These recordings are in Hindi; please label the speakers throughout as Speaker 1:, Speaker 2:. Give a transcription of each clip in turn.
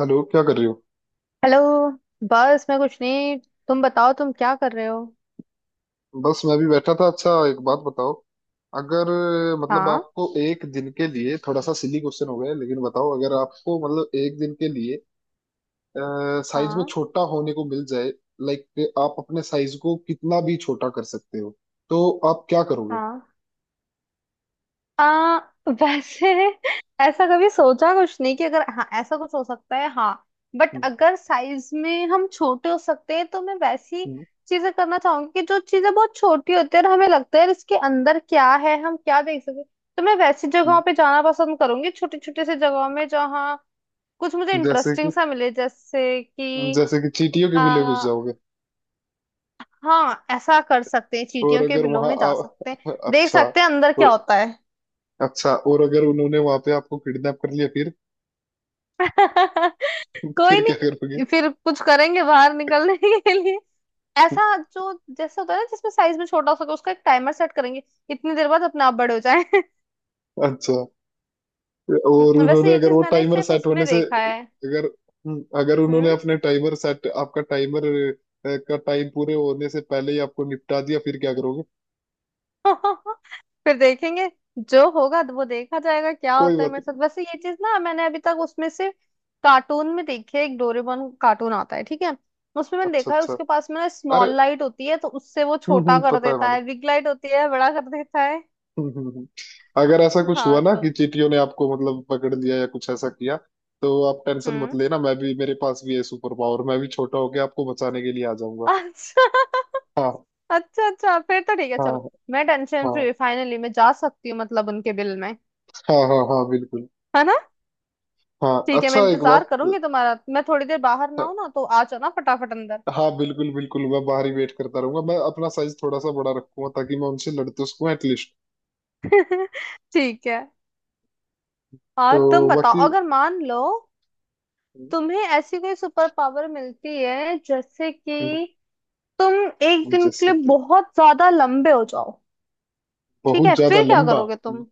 Speaker 1: हेलो, क्या कर रही हो।
Speaker 2: हेलो। बस मैं कुछ नहीं। तुम बताओ तुम क्या कर रहे हो।
Speaker 1: बस मैं भी बैठा था। अच्छा, एक बात बताओ। अगर मतलब
Speaker 2: हाँ।
Speaker 1: आपको एक दिन के लिए, थोड़ा सा सिली क्वेश्चन हो गया लेकिन बताओ, अगर आपको मतलब एक दिन के लिए साइज में
Speaker 2: हाँ।
Speaker 1: छोटा होने को मिल जाए, लाइक आप अपने साइज को कितना भी छोटा कर सकते हो, तो आप क्या करोगे।
Speaker 2: हाँ। आ, वैसे ऐसा कभी सोचा कुछ नहीं कि अगर हाँ ऐसा कुछ हो सकता है। हाँ। बट
Speaker 1: हम्म।
Speaker 2: अगर साइज में हम छोटे हो सकते हैं तो मैं वैसी
Speaker 1: हम्म।
Speaker 2: चीजें करना चाहूंगी कि जो चीजें बहुत छोटी होती है और हमें लगता है यार इसके अंदर क्या है, हम क्या देख सकते हैं। तो मैं वैसी
Speaker 1: हम्म।
Speaker 2: जगहों पे जाना पसंद करूंगी, छोटी छोटी सी जगहों में जहाँ कुछ मुझे
Speaker 1: जैसे कि
Speaker 2: इंटरेस्टिंग सा मिले, जैसे कि
Speaker 1: जैसे कि चींटियों के बिले घुस जाओगे।
Speaker 2: हाँ ऐसा कर सकते हैं,
Speaker 1: और
Speaker 2: चींटियों के
Speaker 1: अगर
Speaker 2: बिलों
Speaker 1: वहां
Speaker 2: में जा सकते हैं,
Speaker 1: आप...
Speaker 2: देख
Speaker 1: अच्छा
Speaker 2: सकते हैं अंदर
Speaker 1: तो।
Speaker 2: क्या होता है।
Speaker 1: अच्छा, और अगर उन्होंने वहां पे आपको किडनैप कर लिया फिर?
Speaker 2: कोई
Speaker 1: फिर क्या करोगे?
Speaker 2: नहीं, फिर कुछ करेंगे बाहर निकलने के लिए। ऐसा जो जैसा होता है ना जिसमें साइज में छोटा हो सके, उसका एक टाइमर सेट करेंगे, इतनी देर बाद अपने आप बड़े हो जाए।
Speaker 1: अच्छा, और उन्होंने
Speaker 2: वैसे ये
Speaker 1: अगर
Speaker 2: चीज
Speaker 1: वो
Speaker 2: मैंने
Speaker 1: टाइमर
Speaker 2: सिर्फ
Speaker 1: सेट
Speaker 2: उसमें
Speaker 1: होने से
Speaker 2: देखा है।
Speaker 1: अगर अगर उन्होंने
Speaker 2: हम्म।
Speaker 1: अपने टाइमर सेट आपका टाइमर का टाइम पूरे होने से पहले ही आपको निपटा दिया, फिर क्या करोगे?
Speaker 2: फिर देखेंगे, जो होगा तो वो देखा जाएगा क्या
Speaker 1: कोई
Speaker 2: होता है
Speaker 1: बात
Speaker 2: मेरे
Speaker 1: नहीं।
Speaker 2: साथ। वैसे ये चीज ना मैंने अभी तक उसमें से कार्टून में देखी है, एक डोरेमोन कार्टून आता है, ठीक है। उसमें मैंने
Speaker 1: अच्छा,
Speaker 2: देखा है,
Speaker 1: अच्छा।
Speaker 2: उसके पास में ना
Speaker 1: अरे,
Speaker 2: स्मॉल लाइट होती है तो उससे वो छोटा कर
Speaker 1: पता है
Speaker 2: देता
Speaker 1: मैंने।
Speaker 2: है, बिग लाइट होती है बड़ा कर देता है।
Speaker 1: हम्म। हम्म। हम्म। अगर ऐसा कुछ हुआ
Speaker 2: हाँ
Speaker 1: ना
Speaker 2: तो
Speaker 1: कि चींटियों ने आपको मतलब पकड़ लिया या कुछ ऐसा किया, तो आप टेंशन मत
Speaker 2: हम्म।
Speaker 1: लेना। मैं भी, मेरे पास भी है सुपर पावर, मैं भी छोटा होके आपको बचाने के लिए आ जाऊंगा।
Speaker 2: अच्छा।
Speaker 1: हाँ।
Speaker 2: अच्छा अच्छा, फिर तो ठीक है
Speaker 1: हाँ
Speaker 2: चलो। मैं टेंशन
Speaker 1: हाँ
Speaker 2: फ्री, फाइनली मैं जा सकती हूँ मतलब उनके बिल में।
Speaker 1: हाँ हाँ हाँ बिल्कुल।
Speaker 2: है ना।
Speaker 1: हाँ,
Speaker 2: ठीक है, मैं
Speaker 1: अच्छा एक
Speaker 2: इंतजार
Speaker 1: बात।
Speaker 2: करूंगी तुम्हारा। मैं थोड़ी देर बाहर ना हूं ना तो आ जाना फटाफट अंदर।
Speaker 1: हाँ बिल्कुल बिल्कुल, मैं बाहर ही वेट करता रहूंगा। मैं अपना साइज थोड़ा सा बड़ा रखूंगा, ताकि मैं उनसे लड़ तो सकूं एटलीस्ट।
Speaker 2: ठीक है। और तुम
Speaker 1: तो
Speaker 2: बताओ,
Speaker 1: बाकी...
Speaker 2: अगर मान लो तुम्हें ऐसी कोई सुपर पावर मिलती है जैसे
Speaker 1: हम्म,
Speaker 2: कि तुम एक दिन के
Speaker 1: जैसे
Speaker 2: लिए
Speaker 1: कि
Speaker 2: बहुत ज्यादा लंबे हो जाओ, ठीक
Speaker 1: बहुत
Speaker 2: है
Speaker 1: ज्यादा
Speaker 2: फिर क्या
Speaker 1: लंबा।
Speaker 2: करोगे
Speaker 1: हम्म,
Speaker 2: तुम।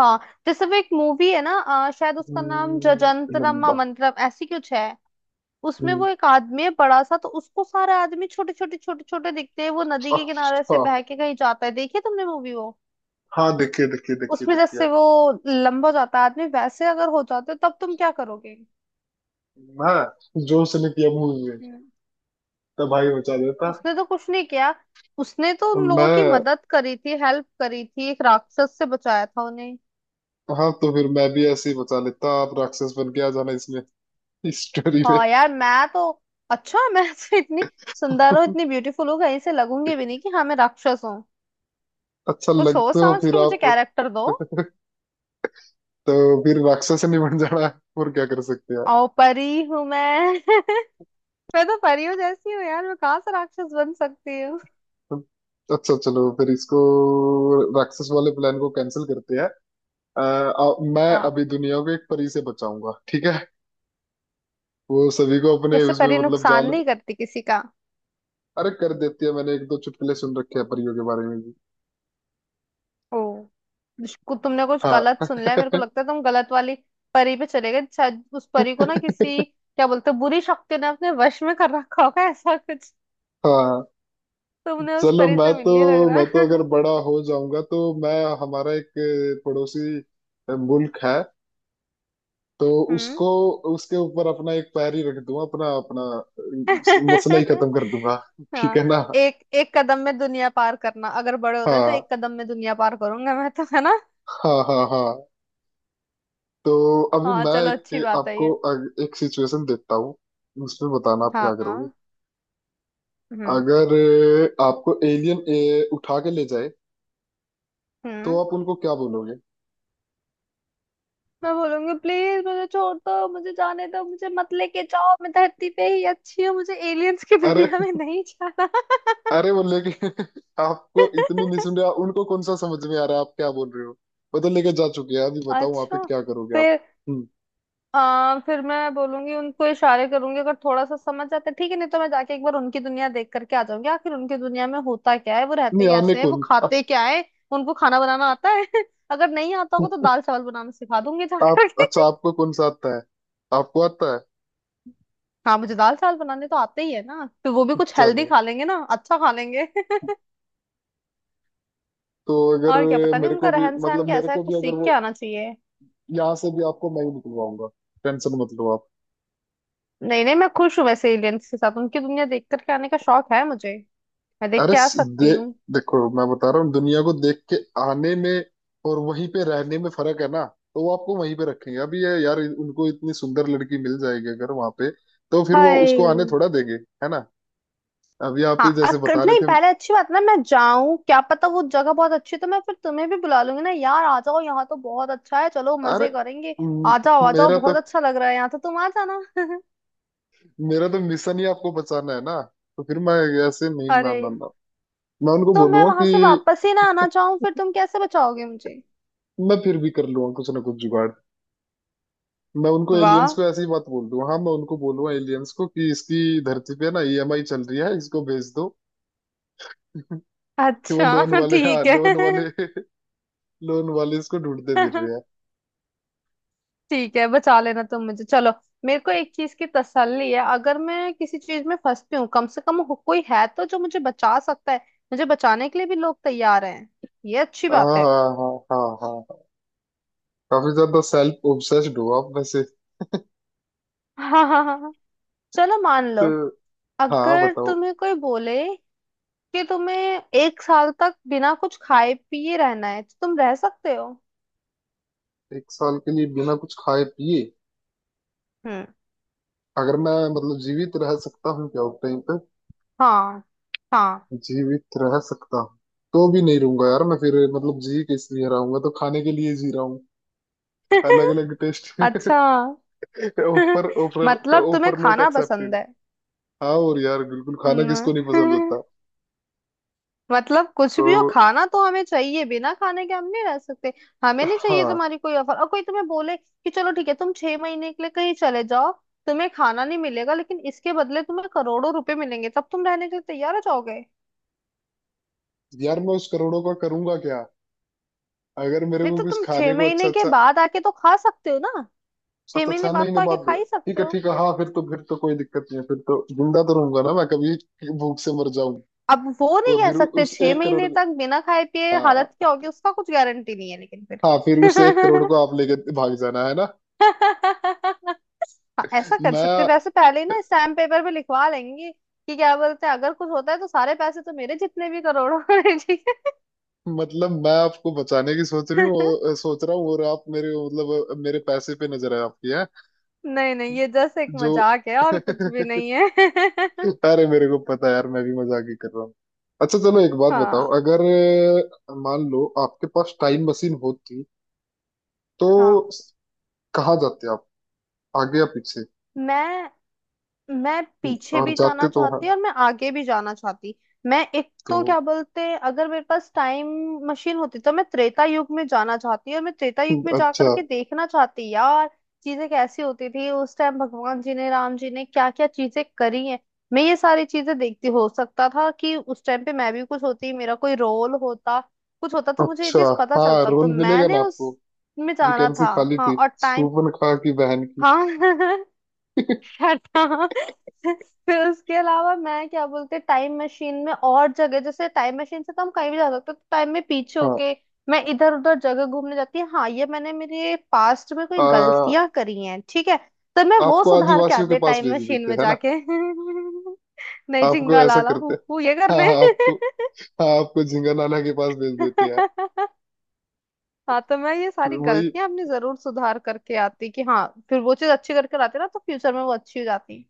Speaker 2: हाँ जैसे वो एक मूवी है ना, शायद उसका नाम जजंतरम
Speaker 1: लंबा।
Speaker 2: मंत्रम ऐसी कुछ है। उसमें
Speaker 1: हम्म।
Speaker 2: वो एक आदमी है बड़ा सा तो उसको सारे आदमी छोटे छोटे छोटे छोटे दिखते हैं। वो नदी के किनारे
Speaker 1: अच्छा।
Speaker 2: से बह के कहीं जाता है, देखिए तुमने मूवी वो।
Speaker 1: हाँ, देखिए देखिए देखिए
Speaker 2: उसमें
Speaker 1: देखिए।
Speaker 2: जैसे वो लंबा हो जाता है आदमी, वैसे अगर हो जाते हो तब तुम क्या करोगे।
Speaker 1: मैं जो उसने किया मूवी में,
Speaker 2: हम्म।
Speaker 1: तो भाई बचा देता।
Speaker 2: उसने तो कुछ नहीं किया, उसने तो उन लोगों की
Speaker 1: मैं...
Speaker 2: मदद करी थी, हेल्प करी थी, एक राक्षस से बचाया था उन्हें।
Speaker 1: हाँ, तो फिर मैं भी ऐसे ही बचा लेता। आप राक्षस बन के आ जाना इसमें इस स्टोरी में।
Speaker 2: हाँ यार, मैं तो अच्छा मैं तो इतनी सुंदर हूँ, इतनी ब्यूटीफुल हूँ, कहीं से लगूंगी भी नहीं कि हाँ मैं राक्षस हूँ।
Speaker 1: अच्छा
Speaker 2: तो सोच
Speaker 1: लगते हो
Speaker 2: समझ
Speaker 1: फिर
Speaker 2: के मुझे
Speaker 1: आप।
Speaker 2: कैरेक्टर दो।
Speaker 1: तो फिर राक्षस नहीं बन जाना है, और क्या कर सकते हैं?
Speaker 2: ओ, परी हूँ मैं। मैं तो परी हूँ जैसी हूँ यार, मैं कहाँ से राक्षस बन सकती हूँ।
Speaker 1: अच्छा चलो, फिर इसको राक्षस वाले प्लान को कैंसिल करते हैं। अ, आ, मैं
Speaker 2: हाँ
Speaker 1: अभी दुनिया को एक परी से बचाऊंगा, ठीक है। वो सभी को अपने
Speaker 2: जैसे
Speaker 1: उसमें
Speaker 2: परी
Speaker 1: मतलब
Speaker 2: नुकसान
Speaker 1: जाल...
Speaker 2: नहीं करती किसी का।
Speaker 1: अरे कर देती है, मैंने एक दो चुटकुले सुन रखे हैं परियों के बारे में भी।
Speaker 2: ओ, इसको तुमने कुछ
Speaker 1: हाँ।
Speaker 2: गलत सुन लिया है, मेरे को लगता है तुम गलत वाली परी पे चले गए। शायद उस परी को ना किसी क्या बोलते हैं, बुरी शक्ति ने अपने वश में कर रखा होगा, ऐसा कुछ।
Speaker 1: हाँ
Speaker 2: तुमने उस
Speaker 1: चलो,
Speaker 2: परी
Speaker 1: मैं
Speaker 2: से मिल
Speaker 1: तो
Speaker 2: लिया लग रहा
Speaker 1: मैं तो अगर
Speaker 2: है।
Speaker 1: बड़ा हो जाऊंगा तो मैं... हमारा एक पड़ोसी मुल्क है, तो
Speaker 2: हम्म।
Speaker 1: उसको उसके ऊपर अपना एक पैर ही रख दूंगा अपना। मसला ही खत्म कर दूंगा। ठीक
Speaker 2: हाँ।
Speaker 1: है ना।
Speaker 2: एक एक कदम में दुनिया पार करना, अगर बड़े होते तो
Speaker 1: हाँ
Speaker 2: एक कदम में दुनिया पार करूंगा मैं तो, है ना।
Speaker 1: हाँ हाँ हाँ। तो अभी
Speaker 2: हाँ
Speaker 1: मैं
Speaker 2: चलो अच्छी
Speaker 1: एक
Speaker 2: बात है
Speaker 1: आपको
Speaker 2: ये।
Speaker 1: अ- एक सिचुएशन देता हूँ। उसमें बताना आप क्या करोगे।
Speaker 2: हाँ। हम्म
Speaker 1: अगर आपको एलियन उठा के ले जाए, तो
Speaker 2: हम्म।
Speaker 1: आप उनको क्या बोलोगे?
Speaker 2: मैं बोलूंगी प्लीज मुझे छोड़ दो, मुझे जाने दो, मुझे मत लेके जाओ, मैं धरती पे ही अच्छी हूँ, मुझे एलियंस की
Speaker 1: अरे,
Speaker 2: दुनिया में नहीं जाना।
Speaker 1: अरे बोले कि... आपको इतनी नहीं सुन रहे, उनको कौन सा समझ में आ रहा है आप क्या बोल रहे हो। वो तो लेके जा चुके हैं, अभी बताओ वहां पे
Speaker 2: अच्छा,
Speaker 1: क्या करोगे आप।
Speaker 2: फिर
Speaker 1: हम्म।
Speaker 2: फिर मैं बोलूंगी, उनको इशारे करूंगी अगर थोड़ा सा समझ जाते ठीक है, नहीं तो मैं जाके एक बार उनकी दुनिया देख करके आ जाऊंगी, आखिर उनकी दुनिया में होता क्या है, वो रहते
Speaker 1: नहीं आने
Speaker 2: कैसे हैं, वो
Speaker 1: कौन आप।
Speaker 2: खाते क्या है, उनको खाना बनाना आता है। अगर नहीं आता होगा तो दाल चावल बनाना सिखा दूंगी
Speaker 1: आप,
Speaker 2: जाकर के।
Speaker 1: अच्छा, आपको कौन सा आता है, आपको आता है?
Speaker 2: हाँ मुझे दाल चावल बनाने तो आते ही है ना, फिर वो भी कुछ हेल्दी
Speaker 1: चलो।
Speaker 2: खा लेंगे ना, अच्छा खा लेंगे।
Speaker 1: तो अगर
Speaker 2: और क्या पता नहीं
Speaker 1: मेरे
Speaker 2: उनका
Speaker 1: को भी
Speaker 2: रहन
Speaker 1: मतलब
Speaker 2: सहन
Speaker 1: मेरे
Speaker 2: कैसा है,
Speaker 1: को भी,
Speaker 2: कुछ
Speaker 1: अगर
Speaker 2: सीख
Speaker 1: वो,
Speaker 2: के आना चाहिए।
Speaker 1: यहाँ से भी आपको मैं ही निकलवाऊंगा, टेंशन मत लो आप।
Speaker 2: नहीं नहीं, मैं खुश हूँ वैसे एलियंस के साथ, उनकी दुनिया देख करके आने का शौक है मुझे, मैं देख
Speaker 1: अरे
Speaker 2: के आ सकती हूँ।
Speaker 1: देखो मैं बता रहा हूँ, दुनिया को देख के आने में और वहीं पे रहने में फर्क है ना। तो वो आपको वहीं पे रखेंगे अभी, ये यार, उनको इतनी सुंदर लड़की मिल जाएगी अगर वहां पे, तो फिर वो उसको आने
Speaker 2: हाय।
Speaker 1: थोड़ा देंगे। है ना, अभी आप ही जैसे बता रहे
Speaker 2: नहीं
Speaker 1: थे।
Speaker 2: पहले अच्छी बात ना मैं जाऊं, क्या पता वो जगह बहुत अच्छी है तो मैं फिर तुम्हें भी बुला लूंगी ना, यार आ जाओ यहाँ तो बहुत अच्छा है, चलो
Speaker 1: अरे
Speaker 2: मजे करेंगे।
Speaker 1: म-
Speaker 2: आ जाओ आ जाओ,
Speaker 1: मेरा तो
Speaker 2: बहुत अच्छा लग रहा है यहाँ तो, तुम आ जाना।
Speaker 1: मेरा तो मिशन ही आपको बचाना है ना। तो फिर मैं, ऐसे नहीं, ना
Speaker 2: अरे,
Speaker 1: ना ना। मैं उनको
Speaker 2: तो मैं
Speaker 1: बोलूंगा
Speaker 2: वहां
Speaker 1: कि...
Speaker 2: से वापस ही ना आना चाहूँ फिर तुम कैसे बचाओगे मुझे।
Speaker 1: मैं फिर भी कर लूंगा कुछ ना कुछ जुगाड़। मैं उनको एलियंस
Speaker 2: वाह।
Speaker 1: को ऐसी बात बोल दूं, हाँ, मैं उनको बोलूंगा एलियंस को कि इसकी धरती पे ना ईएमआई चल रही है, इसको भेज दो। कि वो लोन
Speaker 2: अच्छा
Speaker 1: वाले, हाँ
Speaker 2: ठीक
Speaker 1: लोन
Speaker 2: है।
Speaker 1: वाले लोन वाले इसको ढूंढते फिर रहे हैं।
Speaker 2: ठीक है बचा लेना तुम मुझे, चलो मेरे को एक चीज की तसल्ली है, अगर मैं किसी चीज में फंसती हूँ कम से कम कोई है तो जो मुझे बचा सकता है, मुझे बचाने के लिए भी लोग तैयार हैं, ये अच्छी
Speaker 1: हाँ
Speaker 2: बात है।
Speaker 1: हाँ हाँ हाँ हाँ हाँ। काफी ज्यादा सेल्फ ऑब्सेस्ड हो आप वैसे।
Speaker 2: हाँ हाँ हाँ हाँ। चलो मान
Speaker 1: तो
Speaker 2: लो,
Speaker 1: हाँ,
Speaker 2: अगर
Speaker 1: बताओ।
Speaker 2: तुम्हें कोई बोले कि तुम्हें एक साल तक बिना कुछ खाए पिए रहना है तो तुम रह सकते हो।
Speaker 1: एक साल के लिए बिना कुछ खाए पिए,
Speaker 2: हम्म।
Speaker 1: अगर मैं मतलब जीवित रह सकता हूँ क्या उस टाइम तक,
Speaker 2: हाँ। हाँ।
Speaker 1: जीवित रह सकता हूँ तो भी नहीं रहूंगा यार मैं। फिर मतलब जी किस लिए रहा हूंगा, तो खाने के लिए जी रहा हूँ, अलग अलग टेस्ट।
Speaker 2: अच्छा।
Speaker 1: ऊपर ऊपर
Speaker 2: मतलब तुम्हें
Speaker 1: ऊपर, नोट
Speaker 2: खाना
Speaker 1: एक्सेप्टेड।
Speaker 2: पसंद है।
Speaker 1: हाँ, और यार बिल्कुल, खाना
Speaker 2: हम्म।
Speaker 1: किसको नहीं पसंद होता।
Speaker 2: मतलब कुछ
Speaker 1: तो
Speaker 2: भी हो खाना तो हमें चाहिए, बिना खाने के हम नहीं रह सकते, हमें नहीं चाहिए
Speaker 1: हाँ,
Speaker 2: तुम्हारी कोई ऑफर। और कोई तुम्हें बोले कि चलो ठीक है तुम छह महीने के लिए कहीं चले जाओ, तुम्हें खाना नहीं मिलेगा लेकिन इसके बदले तुम्हें करोड़ों रुपए मिलेंगे, तब तुम रहने के लिए तैयार हो जाओगे।
Speaker 1: यार मैं उस करोड़ों का करूंगा क्या अगर मेरे
Speaker 2: नहीं
Speaker 1: को
Speaker 2: तो
Speaker 1: कुछ
Speaker 2: तुम छह
Speaker 1: खाने को। अच्छा,
Speaker 2: महीने के
Speaker 1: अच्छा।
Speaker 2: बाद आके तो खा सकते हो ना, छह
Speaker 1: अच्छा,
Speaker 2: महीने
Speaker 1: छह
Speaker 2: बाद
Speaker 1: महीने
Speaker 2: तो आके
Speaker 1: बाद?
Speaker 2: खा ही
Speaker 1: ठीक
Speaker 2: सकते
Speaker 1: है,
Speaker 2: हो।
Speaker 1: ठीक है। हाँ, फिर तो कोई दिक्कत नहीं है, फिर तो जिंदा तो रहूंगा ना, मैं कभी भूख से मर जाऊं।
Speaker 2: अब वो नहीं
Speaker 1: और
Speaker 2: कह
Speaker 1: फिर
Speaker 2: सकते,
Speaker 1: उस
Speaker 2: छह
Speaker 1: एक करोड़
Speaker 2: महीने
Speaker 1: को,
Speaker 2: तक बिना खाए पिए हालत क्या
Speaker 1: हाँ
Speaker 2: होगी उसका कुछ गारंटी नहीं है, लेकिन
Speaker 1: हाँ, फिर उस एक करोड़
Speaker 2: फिर
Speaker 1: को आप लेके भाग जाना है ना।
Speaker 2: हाँ ऐसा कर सकते।
Speaker 1: मैं
Speaker 2: वैसे पहले ही ना स्टैम्प पेपर पे लिखवा लेंगे कि क्या बोलते हैं, अगर कुछ होता है तो सारे पैसे तो मेरे, जितने भी करोड़ों हैं, ठीक
Speaker 1: मतलब मैं आपको बचाने की सोच रही
Speaker 2: है।
Speaker 1: हूँ, सोच रहा हूँ, और आप मेरे, मतलब मेरे पैसे पे नजर है आपकी।
Speaker 2: नहीं नहीं, ये जस्ट एक
Speaker 1: जो...
Speaker 2: मजाक है और कुछ भी नहीं है।
Speaker 1: अरे, मेरे को पता है यार, मैं भी मजाक ही कर रहा हूँ। अच्छा चलो, एक बात बताओ,
Speaker 2: हाँ।
Speaker 1: अगर मान लो आपके पास टाइम मशीन होती, तो
Speaker 2: हाँ।
Speaker 1: स- कहाँ जाते आप, आगे या पीछे?
Speaker 2: मैं मैं पीछे
Speaker 1: और
Speaker 2: भी
Speaker 1: जाते
Speaker 2: जाना
Speaker 1: तो वहां
Speaker 2: चाहती और मैं आगे भी जाना चाहती। मैं एक तो
Speaker 1: तो...
Speaker 2: क्या बोलते हैं, अगर मेरे पास टाइम मशीन होती तो मैं त्रेता युग में जाना चाहती, और मैं त्रेता युग में जा
Speaker 1: अच्छा,
Speaker 2: करके देखना चाहती यार चीजें कैसी होती थी उस टाइम, भगवान जी ने राम जी ने क्या क्या चीजें करी हैं, मैं ये सारी चीजें देखती। हो सकता था कि उस टाइम पे मैं भी कुछ होती, मेरा कोई रोल होता, कुछ होता तो मुझे ये
Speaker 1: अच्छा।
Speaker 2: चीज पता
Speaker 1: हाँ,
Speaker 2: चलता, तो
Speaker 1: रोल मिलेगा ना
Speaker 2: मैंने
Speaker 1: आपको,
Speaker 2: उस में जाना
Speaker 1: वैकेंसी
Speaker 2: था।
Speaker 1: खाली
Speaker 2: हाँ
Speaker 1: थी,
Speaker 2: और टाइम।
Speaker 1: शूपन खा की बहन की।
Speaker 2: हाँ। क्या था। फिर उसके अलावा मैं क्या बोलते, टाइम मशीन में और जगह जैसे, टाइम मशीन से तो हम कहीं भी जा सकते हैं, तो टाइम में पीछे
Speaker 1: हाँ।
Speaker 2: होके मैं इधर उधर जगह घूमने जाती है। हाँ ये मैंने मेरे पास्ट में कोई
Speaker 1: आ,
Speaker 2: गलतियां करी हैं ठीक है, तो मैं वो
Speaker 1: आपको
Speaker 2: सुधार के
Speaker 1: आदिवासियों के
Speaker 2: आते,
Speaker 1: पास
Speaker 2: टाइम
Speaker 1: भेज
Speaker 2: मशीन
Speaker 1: देते
Speaker 2: में
Speaker 1: है ना।
Speaker 2: जाके। नहीं
Speaker 1: आपको
Speaker 2: झिंगा
Speaker 1: ऐसा
Speaker 2: लाला
Speaker 1: करते,
Speaker 2: हूँ हूँ ये
Speaker 1: हाँ
Speaker 2: करने।
Speaker 1: हाँ आपको, हाँ आपको झिंगा लाला के पास भेज देते हैं।
Speaker 2: हाँ तो मैं ये सारी
Speaker 1: वही।
Speaker 2: गलतियां अपनी जरूर सुधार करके आती, कि हाँ फिर वो चीज अच्छी करके आती ना तो फ्यूचर में वो अच्छी हो जाती,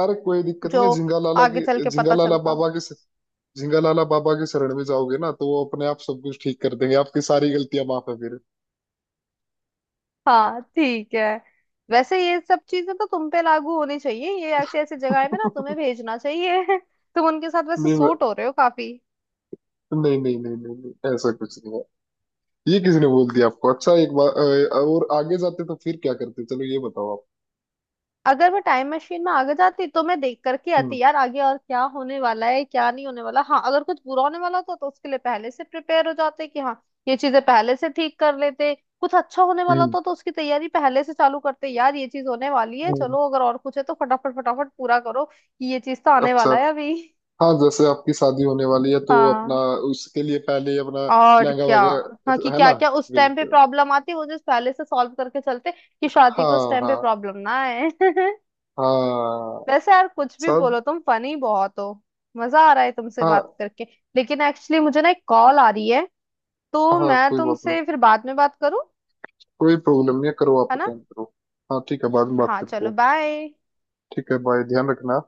Speaker 1: अरे, कोई दिक्कत
Speaker 2: जो
Speaker 1: नहीं है झिंगा लाला की,
Speaker 2: आगे चल के
Speaker 1: झिंगा
Speaker 2: पता
Speaker 1: लाला
Speaker 2: चलता।
Speaker 1: बाबा के झिंगा लाला बाबा के शरण में जाओगे ना, तो वो अपने आप सब कुछ ठीक कर देंगे, आपकी सारी गलतियां माफ है फिर।
Speaker 2: हाँ ठीक है। वैसे ये सब चीजें तो तुम पे लागू होनी चाहिए, ये ऐसी ऐसी जगह में ना तुम्हें भेजना चाहिए। तुम उनके साथ वैसे
Speaker 1: नहीं नहीं,
Speaker 2: सूट हो रहे हो काफी।
Speaker 1: नहीं नहीं नहीं नहीं, ऐसा कुछ नहीं है। ये किसने बोल दिया आपको? अच्छा, एक बार और आगे जाते तो फिर क्या करते, चलो ये बताओ आप।
Speaker 2: अगर मैं टाइम मशीन में आगे जाती तो मैं देख करके आती
Speaker 1: हम्म।
Speaker 2: यार आगे और क्या होने वाला है क्या नहीं होने वाला। हाँ अगर कुछ बुरा होने वाला होता तो उसके लिए पहले से प्रिपेयर हो जाते कि हाँ ये चीजें पहले से ठीक कर लेते। कुछ अच्छा होने वाला
Speaker 1: हम्म।
Speaker 2: होता तो उसकी तैयारी पहले से चालू करते, यार ये चीज होने वाली है
Speaker 1: हम्म।
Speaker 2: चलो अगर और कुछ है तो फटाफट फटाफट पूरा करो कि ये चीज तो आने
Speaker 1: अच्छा।
Speaker 2: वाला है अभी।
Speaker 1: हाँ, जैसे आपकी शादी होने वाली है, तो अपना,
Speaker 2: हाँ
Speaker 1: उसके लिए पहले अपना
Speaker 2: और
Speaker 1: लहंगा
Speaker 2: क्या। हाँ कि
Speaker 1: वगैरह, है
Speaker 2: क्या
Speaker 1: ना।
Speaker 2: क्या उस टाइम पे
Speaker 1: बिल्कुल।
Speaker 2: प्रॉब्लम आती, वो जो पहले से सॉल्व करके चलते कि शादी को उस
Speaker 1: हाँ
Speaker 2: टाइम पे
Speaker 1: हाँ
Speaker 2: प्रॉब्लम ना आए।
Speaker 1: हाँ
Speaker 2: वैसे यार कुछ भी
Speaker 1: सब।
Speaker 2: बोलो तुम फनी बहुत हो, मजा आ रहा है तुमसे बात
Speaker 1: हाँ
Speaker 2: करके। लेकिन एक्चुअली मुझे ना एक कॉल आ रही है, तो
Speaker 1: हाँ
Speaker 2: मैं
Speaker 1: कोई बात नहीं,
Speaker 2: तुमसे फिर बाद में बात करूं,
Speaker 1: कोई प्रॉब्लम नहीं है, करो आप,
Speaker 2: है ना।
Speaker 1: अटेंड करो। हाँ ठीक है, बाद में बात
Speaker 2: हाँ
Speaker 1: करते
Speaker 2: चलो
Speaker 1: हैं।
Speaker 2: बाय।
Speaker 1: ठीक है, बाय, ध्यान रखना।